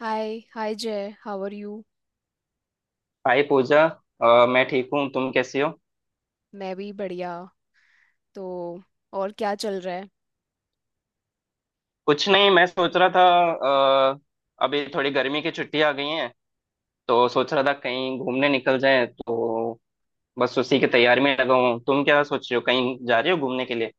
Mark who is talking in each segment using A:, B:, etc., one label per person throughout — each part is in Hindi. A: Hi hi, Jai. How are you.
B: Hi पूजा। मैं ठीक हूँ, तुम कैसी हो?
A: मैं भी बढ़िया। तो और क्या चल रहा है।
B: कुछ नहीं, मैं सोच रहा था। अ, अभी थोड़ी गर्मी की छुट्टी आ गई है, तो सोच रहा था कहीं घूमने निकल जाए तो। बस उसी की तैयारी में लगा हूँ। तुम क्या सोच रहे हो, कहीं जा रहे हो घूमने के लिए?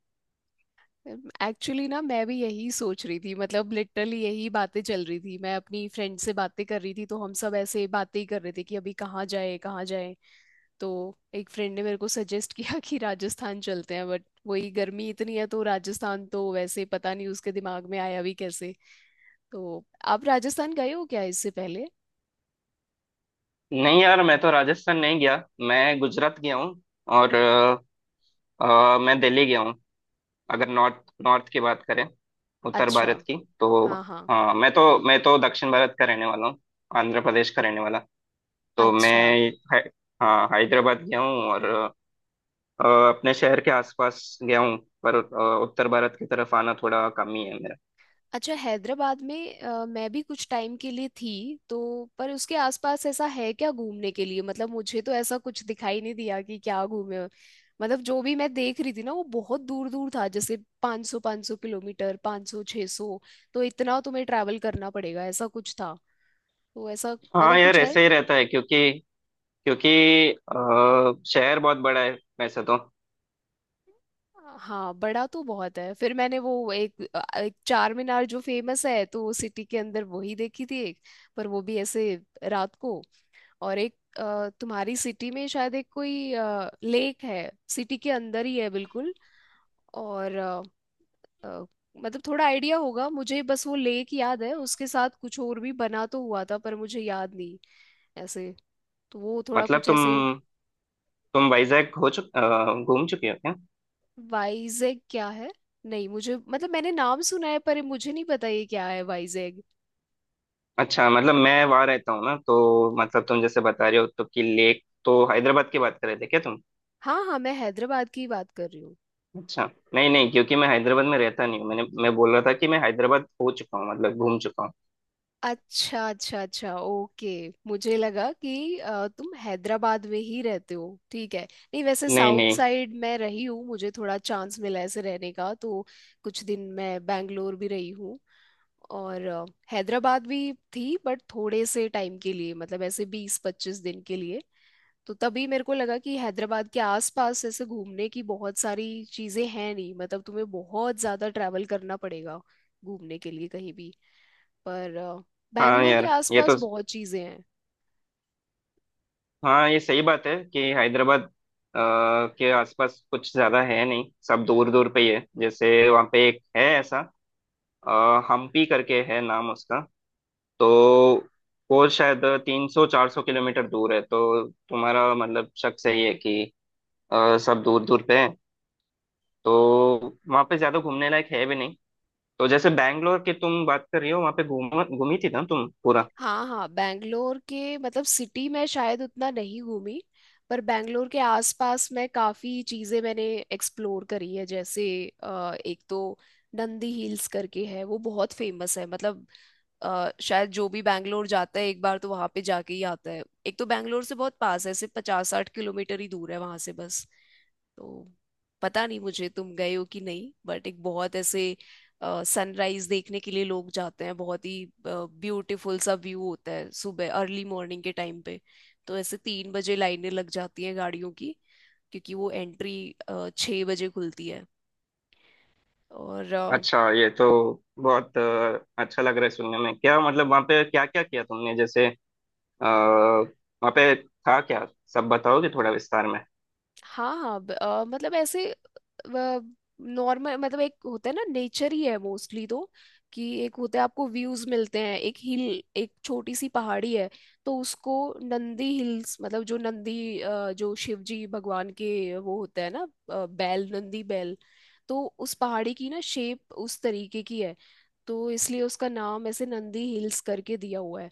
A: एक्चुअली ना मैं भी यही सोच रही थी, मतलब लिटरली यही बातें चल रही थी, मैं अपनी फ्रेंड से बातें कर रही थी तो हम सब ऐसे बातें ही कर रहे थे कि अभी कहाँ जाए कहाँ जाए। तो एक फ्रेंड ने मेरे को सजेस्ट किया कि राजस्थान चलते हैं, बट वही गर्मी इतनी है तो राजस्थान, तो वैसे पता नहीं उसके दिमाग में आया भी कैसे। तो आप राजस्थान गए हो क्या इससे पहले?
B: नहीं यार, मैं तो राजस्थान नहीं गया, मैं गुजरात गया हूँ। और मैं दिल्ली गया हूँ। अगर नॉर्थ नॉर्थ की बात करें, उत्तर
A: अच्छा।
B: भारत की तो।
A: हाँ हाँ।
B: हाँ, मैं तो दक्षिण भारत का रहने वाला हूँ, आंध्र प्रदेश का रहने वाला। तो मैं
A: अच्छा।
B: है, हाँ, हैदराबाद गया हूँ, और अपने शहर के आसपास गया हूँ। पर उत्तर भारत की तरफ आना थोड़ा कम ही है मेरा।
A: अच्छा, हैदराबाद में मैं भी कुछ टाइम के लिए थी। तो पर उसके आसपास ऐसा है क्या घूमने के लिए, मतलब मुझे तो ऐसा कुछ दिखाई नहीं दिया कि क्या घूमे हो। मतलब जो भी मैं देख रही थी ना वो बहुत दूर दूर था, जैसे 500 500 किलोमीटर, 500 600, तो इतना तुम्हें ट्रैवल करना पड़ेगा, ऐसा कुछ था। तो ऐसा
B: हाँ
A: मतलब
B: यार
A: कुछ है।
B: ऐसे ही रहता है, क्योंकि क्योंकि शहर बहुत बड़ा है वैसे तो।
A: हाँ, बड़ा तो बहुत है। फिर मैंने वो एक चार मीनार जो फेमस है तो सिटी के अंदर वही देखी थी एक। पर वो भी ऐसे रात को। और एक तुम्हारी सिटी में शायद एक कोई लेक है, सिटी के अंदर ही है बिल्कुल। और अ, मतलब थोड़ा आइडिया होगा मुझे, बस वो लेक याद है, उसके साथ कुछ और भी बना तो हुआ था पर मुझे याद नहीं ऐसे। तो वो थोड़ा
B: मतलब
A: कुछ ऐसे।
B: तुम वाइजैक घूम चुके हो क्या?
A: वाइजैग क्या है? नहीं, मुझे मतलब मैंने नाम सुना है पर मुझे नहीं पता ये क्या है वाइजैग।
B: अच्छा, मतलब मैं वहाँ रहता हूँ ना, तो मतलब तुम जैसे बता रहे हो, तो कि लेक तो हैदराबाद की बात कर रहे थे क्या तुम?
A: हाँ हाँ, मैं हैदराबाद की बात कर रही हूँ।
B: अच्छा। नहीं नहीं, क्योंकि मैं हैदराबाद में रहता नहीं हूँ। मैं बोल रहा था कि मैं हैदराबाद हो चुका हूँ, मतलब घूम चुका हूँ।
A: अच्छा अच्छा अच्छा, ओके। मुझे लगा कि तुम हैदराबाद में ही रहते हो। ठीक है। नहीं वैसे
B: नहीं
A: साउथ
B: नहीं।
A: साइड मैं रही हूँ, मुझे थोड़ा चांस मिला ऐसे रहने का तो। कुछ दिन मैं बैंगलोर भी रही हूँ और हैदराबाद भी थी, बट थोड़े से टाइम के लिए, मतलब ऐसे 20 25 दिन के लिए। तो तभी मेरे को लगा कि हैदराबाद के आसपास ऐसे घूमने की बहुत सारी चीज़ें हैं नहीं, मतलब तुम्हें बहुत ज़्यादा ट्रैवल करना पड़ेगा घूमने के लिए कहीं भी। पर
B: हाँ
A: बैंगलोर के
B: यार, ये
A: आसपास
B: तो
A: बहुत चीजें हैं।
B: हाँ ये सही बात है कि हैदराबाद के आसपास कुछ ज्यादा है नहीं, सब दूर दूर पे ही है। जैसे वहाँ पे एक है ऐसा, अ, हम्पी करके है नाम उसका। तो वो शायद 300-400 किलोमीटर दूर है। तो तुम्हारा मतलब शक सही है कि सब दूर दूर पे है, तो वहाँ पे ज्यादा घूमने लायक है भी नहीं। तो जैसे बैंगलोर की तुम बात कर रही हो, वहाँ पे घूमी थी ना तुम पूरा?
A: हाँ हाँ, बैंगलोर के मतलब सिटी में शायद उतना नहीं घूमी। पर बैंगलोर के आसपास में काफी चीजें मैंने एक्सप्लोर करी है। जैसे एक तो नंदी हिल्स करके है, वो बहुत फेमस है मतलब। शायद जो भी बैंगलोर जाता है एक बार तो वहां पे जाके ही आता है। एक तो बैंगलोर से बहुत पास है, सिर्फ 50 60 किलोमीटर ही दूर है वहां से बस। तो पता नहीं मुझे, तुम गए हो कि नहीं, बट एक बहुत ऐसे सनराइज देखने के लिए लोग जाते हैं, बहुत ही ब्यूटीफुल सा व्यू होता है सुबह अर्ली मॉर्निंग के टाइम पे। तो ऐसे 3 बजे लाइनें लग जाती हैं गाड़ियों की, क्योंकि वो एंट्री 6 बजे खुलती है। और
B: अच्छा, ये तो बहुत अच्छा लग रहा है सुनने में। क्या मतलब वहाँ पे क्या क्या किया तुमने, जैसे वहाँ पे था क्या, सब बताओगे थोड़ा विस्तार में?
A: हाँ हाँ, मतलब ऐसे नॉर्मल, मतलब एक होता है ना, नेचर ही है मोस्टली, तो कि एक होता है आपको व्यूज मिलते हैं, एक हिल, एक छोटी सी पहाड़ी है। तो उसको नंदी हिल्स, मतलब जो शिव जी भगवान के वो होता है ना, बैल, नंदी बैल। तो उस पहाड़ी की ना शेप उस तरीके की है, तो इसलिए उसका नाम ऐसे नंदी हिल्स करके दिया हुआ है।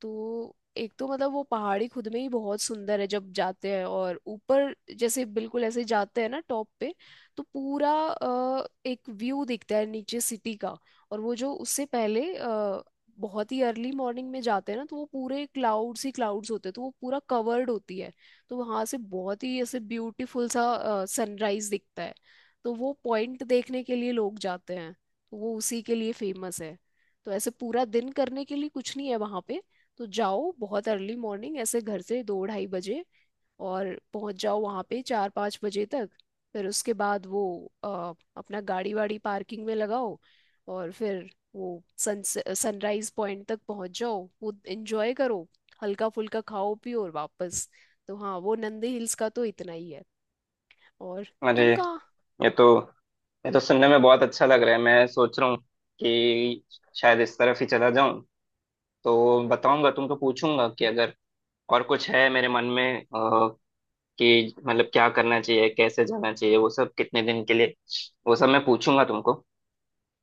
A: तो एक तो मतलब वो पहाड़ी खुद में ही बहुत सुंदर है जब जाते हैं, और ऊपर जैसे बिल्कुल ऐसे जाते हैं ना टॉप पे, तो पूरा एक व्यू दिखता है नीचे सिटी का। और वो जो उससे पहले बहुत ही अर्ली मॉर्निंग में जाते हैं ना, तो वो पूरे क्लाउड्स ही क्लाउड्स होते हैं, तो वो पूरा कवर्ड होती है। तो वहां से बहुत ही ऐसे ब्यूटीफुल सा सनराइज दिखता है। तो वो पॉइंट देखने के लिए लोग जाते हैं, तो वो उसी के लिए फेमस है। तो ऐसे पूरा दिन करने के लिए कुछ नहीं है वहां पे। तो जाओ बहुत अर्ली मॉर्निंग, ऐसे घर से दो ढाई बजे, और पहुंच जाओ वहां पे 4 5 बजे तक। फिर उसके बाद वो अ, अपना गाड़ी वाड़ी पार्किंग में लगाओ, और फिर वो सन सनराइज पॉइंट तक पहुंच जाओ, वो एंजॉय करो, हल्का फुल्का खाओ पियो और वापस। तो हाँ, वो नंदे हिल्स का तो इतना ही है। और
B: अरे,
A: तुम कहाँ?
B: ये तो ये तो सुनने में बहुत अच्छा लग रहा है। मैं सोच रहा हूँ कि शायद इस तरफ ही चला जाऊं। तो बताऊंगा तुमको, पूछूंगा कि अगर और कुछ है मेरे मन में कि मतलब क्या करना चाहिए, कैसे जाना चाहिए, वो सब कितने दिन के लिए, वो सब मैं पूछूंगा तुमको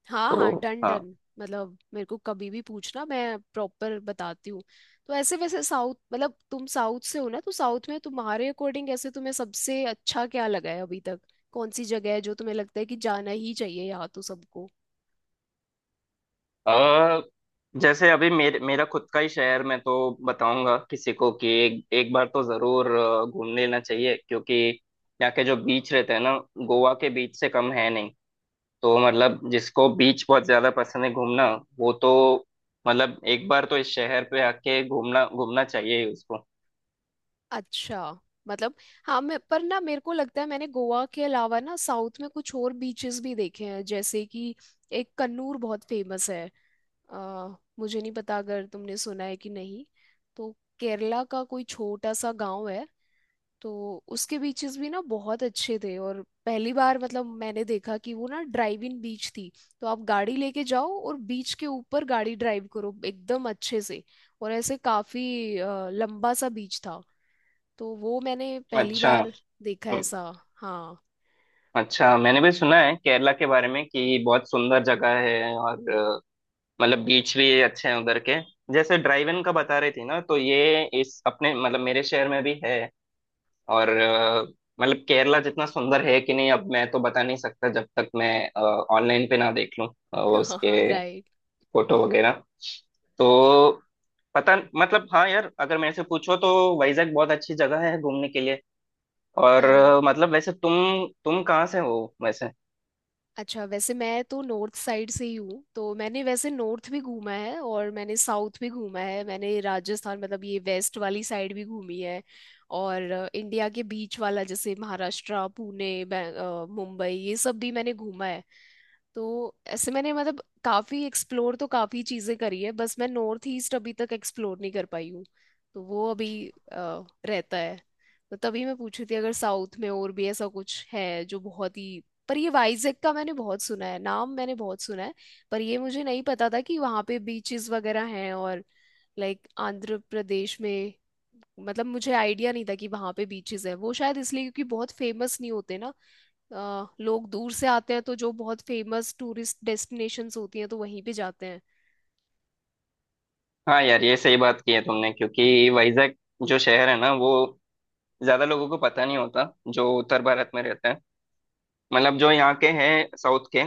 A: हाँ
B: तो।
A: हाँ, डन
B: हाँ।
A: डन, मतलब मेरे को कभी भी पूछना, मैं प्रॉपर बताती हूँ। तो ऐसे वैसे साउथ, मतलब तुम साउथ से हो ना, तो साउथ में तुम्हारे अकॉर्डिंग ऐसे तुम्हें सबसे अच्छा क्या लगा है अभी तक? कौन सी जगह है जो तुम्हें लगता है कि जाना ही चाहिए यहाँ तो सबको?
B: अ जैसे अभी मेरे मेरा खुद का ही शहर मैं तो बताऊंगा किसी को कि एक एक बार तो जरूर घूम लेना चाहिए, क्योंकि यहाँ के जो बीच रहते हैं ना, गोवा के बीच से कम है नहीं। तो मतलब जिसको बीच बहुत ज्यादा पसंद है घूमना, वो तो मतलब एक बार तो इस शहर पे आके घूमना घूमना चाहिए ही उसको।
A: अच्छा, मतलब हाँ, मैं पर ना मेरे को लगता है मैंने गोवा के अलावा ना साउथ में कुछ और बीचेस भी देखे हैं, जैसे कि एक कन्नूर बहुत फेमस है। अ, मुझे नहीं पता अगर तुमने सुना है कि नहीं। तो केरला का कोई छोटा सा गांव है, तो उसके बीचेस भी ना बहुत अच्छे थे, और पहली बार मतलब मैंने देखा कि वो ना ड्राइव इन बीच थी। तो आप गाड़ी लेके जाओ और बीच के ऊपर गाड़ी ड्राइव करो एकदम अच्छे से, और ऐसे काफी लंबा सा बीच था। तो वो मैंने पहली
B: अच्छा।
A: बार देखा
B: हम्म।
A: ऐसा। हाँ।
B: अच्छा, मैंने भी सुना है केरला के बारे में कि बहुत सुंदर जगह है, और मतलब बीच भी अच्छे हैं उधर के। जैसे ड्राइव इन का बता रही थी ना, तो ये इस अपने मतलब मेरे शहर में भी है। और मतलब केरला जितना सुंदर है कि नहीं, अब मैं तो बता नहीं सकता जब तक मैं ऑनलाइन पे ना देख लूं उसके
A: हाँ, राइट।
B: फोटो वगैरह। तो पता, मतलब हाँ यार, अगर मेरे से पूछो तो वाइजैक बहुत अच्छी जगह है घूमने के लिए। और
A: अरे,
B: मतलब वैसे तुम कहाँ से हो वैसे?
A: अच्छा वैसे मैं तो नॉर्थ साइड से ही हूँ, तो मैंने वैसे नॉर्थ भी घूमा है और मैंने साउथ भी घूमा है, मैंने राजस्थान, मतलब ये वेस्ट वाली साइड भी घूमी है। और इंडिया के बीच वाला जैसे महाराष्ट्र, पुणे, मुंबई, ये सब भी मैंने घूमा है। तो ऐसे मैंने मतलब काफी एक्सप्लोर, तो काफी चीजें करी है, बस मैं नॉर्थ ईस्ट अभी तक एक्सप्लोर नहीं कर पाई हूँ। तो वो अभी रहता है। तो तभी मैं पूछ रही थी अगर साउथ में और भी ऐसा कुछ है जो बहुत ही। पर ये वाइजैक का मैंने बहुत सुना है नाम, मैंने बहुत सुना है। पर ये मुझे नहीं पता था कि वहाँ पे बीचेस वगैरह हैं, और लाइक आंध्र प्रदेश में। मतलब मुझे आइडिया नहीं था कि वहाँ पे बीचेस है। वो शायद इसलिए क्योंकि बहुत फेमस नहीं होते ना। लोग दूर से आते हैं तो जो बहुत फेमस टूरिस्ट डेस्टिनेशंस होती हैं तो वहीं पे जाते हैं।
B: हाँ यार, ये सही बात की है तुमने, क्योंकि वाइजैक जो शहर है ना, वो ज्यादा लोगों को पता नहीं होता जो उत्तर भारत में रहते हैं। मतलब जो यहाँ के हैं साउथ के,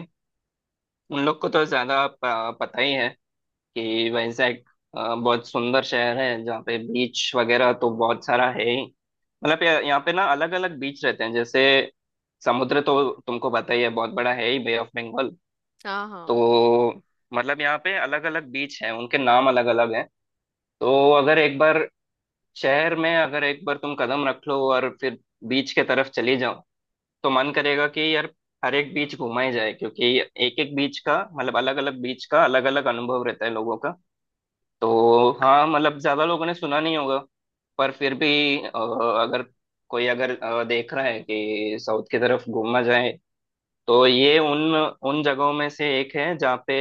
B: उन लोग को तो ज्यादा पता ही है कि वैजाग बहुत सुंदर शहर है, जहाँ पे बीच वगैरह तो बहुत सारा है ही। मतलब यहाँ यहाँ पे ना अलग अलग बीच रहते हैं। जैसे समुद्र तो तुमको पता ही है, बहुत बड़ा है ही, बे ऑफ बंगाल।
A: हाँ हाँ।
B: तो मतलब यहाँ पे अलग अलग बीच हैं, उनके नाम अलग अलग हैं। तो अगर एक बार शहर में, अगर एक बार तुम कदम रख लो और फिर बीच के तरफ चली जाओ, तो मन करेगा कि यार हर एक बीच घूमा ही जाए, क्योंकि एक एक बीच का मतलब अलग अलग बीच का अलग अलग अनुभव रहता है लोगों का। तो हाँ, मतलब ज्यादा लोगों ने सुना नहीं होगा, पर फिर भी अ, अगर कोई, अगर देख रहा है कि साउथ की तरफ घूमना जाए, तो ये उन उन जगहों में से एक है जहाँ पे,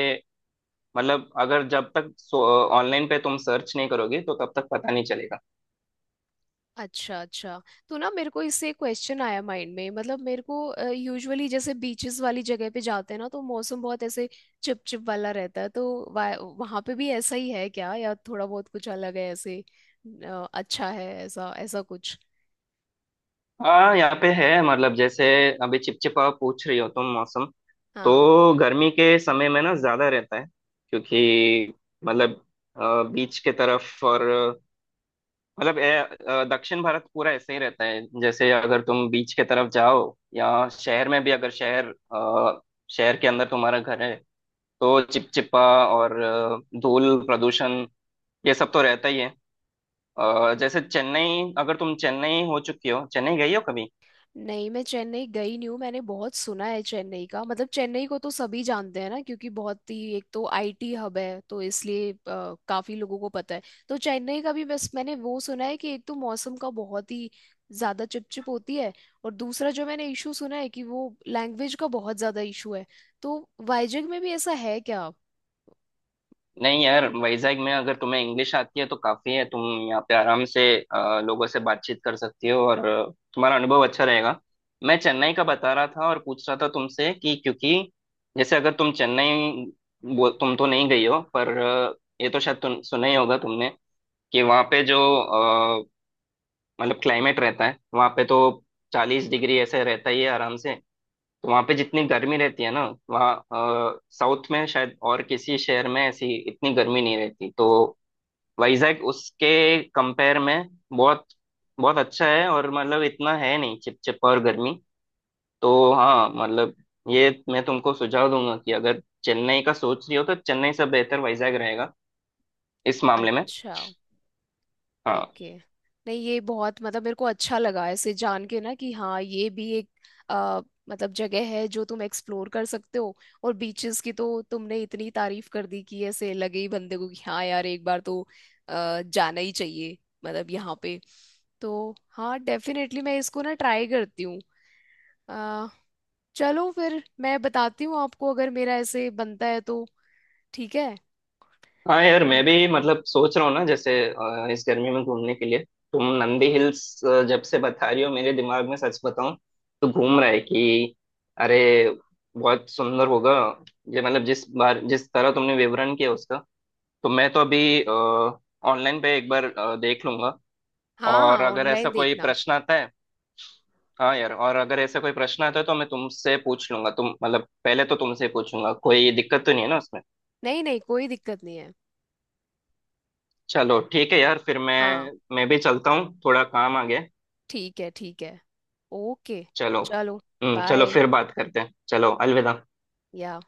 B: मतलब अगर जब तक ऑनलाइन पे तुम सर्च नहीं करोगे तो तब तक पता नहीं चलेगा।
A: अच्छा अच्छा। तो ना मेरे को इससे एक क्वेश्चन आया माइंड में, मतलब मेरे को यूजुअली जैसे बीचेस वाली जगह पे जाते हैं ना तो मौसम बहुत ऐसे चिपचिप वाला रहता है, तो वहां पे भी ऐसा ही है क्या, या थोड़ा बहुत कुछ अलग है ऐसे अच्छा है, ऐसा ऐसा कुछ?
B: हाँ यहाँ पे है, मतलब जैसे अभी चिपचिपा पूछ रही हो तुम मौसम,
A: हाँ।
B: तो गर्मी के समय में ना ज्यादा रहता है, क्योंकि मतलब बीच के तरफ और मतलब ए, दक्षिण भारत पूरा ऐसे ही रहता है। जैसे अगर तुम बीच के तरफ जाओ, या शहर में भी, अगर शहर के अंदर तुम्हारा घर है, तो चिपचिपा और धूल, प्रदूषण, ये सब तो रहता ही है। जैसे चेन्नई, अगर तुम चेन्नई हो चुकी हो, चेन्नई गई हो कभी?
A: नहीं, मैं चेन्नई गई नहीं हूँ। मैंने बहुत सुना है चेन्नई का, मतलब चेन्नई को तो सभी जानते हैं ना, क्योंकि बहुत ही एक तो आईटी हब है तो इसलिए काफी लोगों को पता है। तो चेन्नई का भी बस मैंने वो सुना है कि एक तो मौसम का बहुत ही ज्यादा चिपचिप होती है, और दूसरा जो मैंने इशू सुना है कि वो लैंग्वेज का बहुत ज्यादा इशू है। तो वाइजग में भी ऐसा है क्या?
B: नहीं यार, वैजाग में अगर तुम्हें इंग्लिश आती है तो काफी है, तुम यहाँ पे आराम से लोगों से बातचीत कर सकती हो और तुम्हारा अनुभव अच्छा रहेगा। मैं चेन्नई का बता रहा था और पूछ रहा था तुमसे कि, क्योंकि जैसे अगर तुम चेन्नई, वो तुम तो नहीं गई हो, पर ये तो शायद तुम सुना ही होगा तुमने कि वहाँ पे जो अ, मतलब क्लाइमेट रहता है वहाँ पे तो 40 डिग्री ऐसे रहता ही है आराम से। तो वहाँ पे जितनी गर्मी रहती है ना, वहाँ साउथ में शायद और किसी शहर में ऐसी इतनी गर्मी नहीं रहती। तो वाइजैक उसके कंपेयर में बहुत बहुत अच्छा है, और मतलब इतना है नहीं चिपचिप और गर्मी। तो हाँ मतलब, ये मैं तुमको सुझाव दूंगा कि अगर चेन्नई का सोच रही हो तो चेन्नई से बेहतर वाइजैक रहेगा इस मामले में।
A: अच्छा।
B: हाँ।
A: ओके। नहीं ये बहुत, मतलब मेरे को अच्छा लगा ऐसे जान के ना कि हाँ ये भी एक अ, मतलब जगह है जो तुम एक्सप्लोर कर सकते हो। और बीचेस की तो तुमने इतनी तारीफ कर दी कि ऐसे लगे ही बंदे को कि हाँ यार, एक बार तो जाना ही चाहिए मतलब यहाँ पे। तो हाँ, डेफिनेटली मैं इसको ना ट्राई करती हूँ। अ, चलो फिर मैं बताती हूँ आपको अगर मेरा ऐसे बनता है तो। ठीक है।
B: हाँ यार,
A: और
B: मैं भी मतलब सोच रहा हूँ ना, जैसे इस गर्मी में घूमने के लिए, तुम नंदी हिल्स जब से बता रही हो, मेरे दिमाग में सच बताऊं तो घूम रहा है कि अरे, बहुत सुंदर होगा ये, मतलब जिस बार जिस तरह तुमने विवरण किया उसका। तो मैं तो अभी ऑनलाइन पे एक बार देख लूंगा,
A: हाँ
B: और
A: हाँ,
B: अगर ऐसा
A: ऑनलाइन
B: कोई
A: देखना।
B: प्रश्न आता है, हाँ यार, और अगर ऐसा कोई प्रश्न आता है तो मैं तुमसे पूछ लूंगा। तुम मतलब पहले तो तुमसे पूछूंगा, कोई दिक्कत तो नहीं है ना उसमें?
A: नहीं नहीं, कोई दिक्कत नहीं है।
B: चलो ठीक है यार फिर।
A: हाँ,
B: मैं भी चलता हूँ, थोड़ा काम आ गया।
A: ठीक है ठीक है। ओके।
B: चलो।
A: चलो।
B: हम्म, चलो
A: बाय।
B: फिर बात करते हैं, चलो अलविदा।
A: या।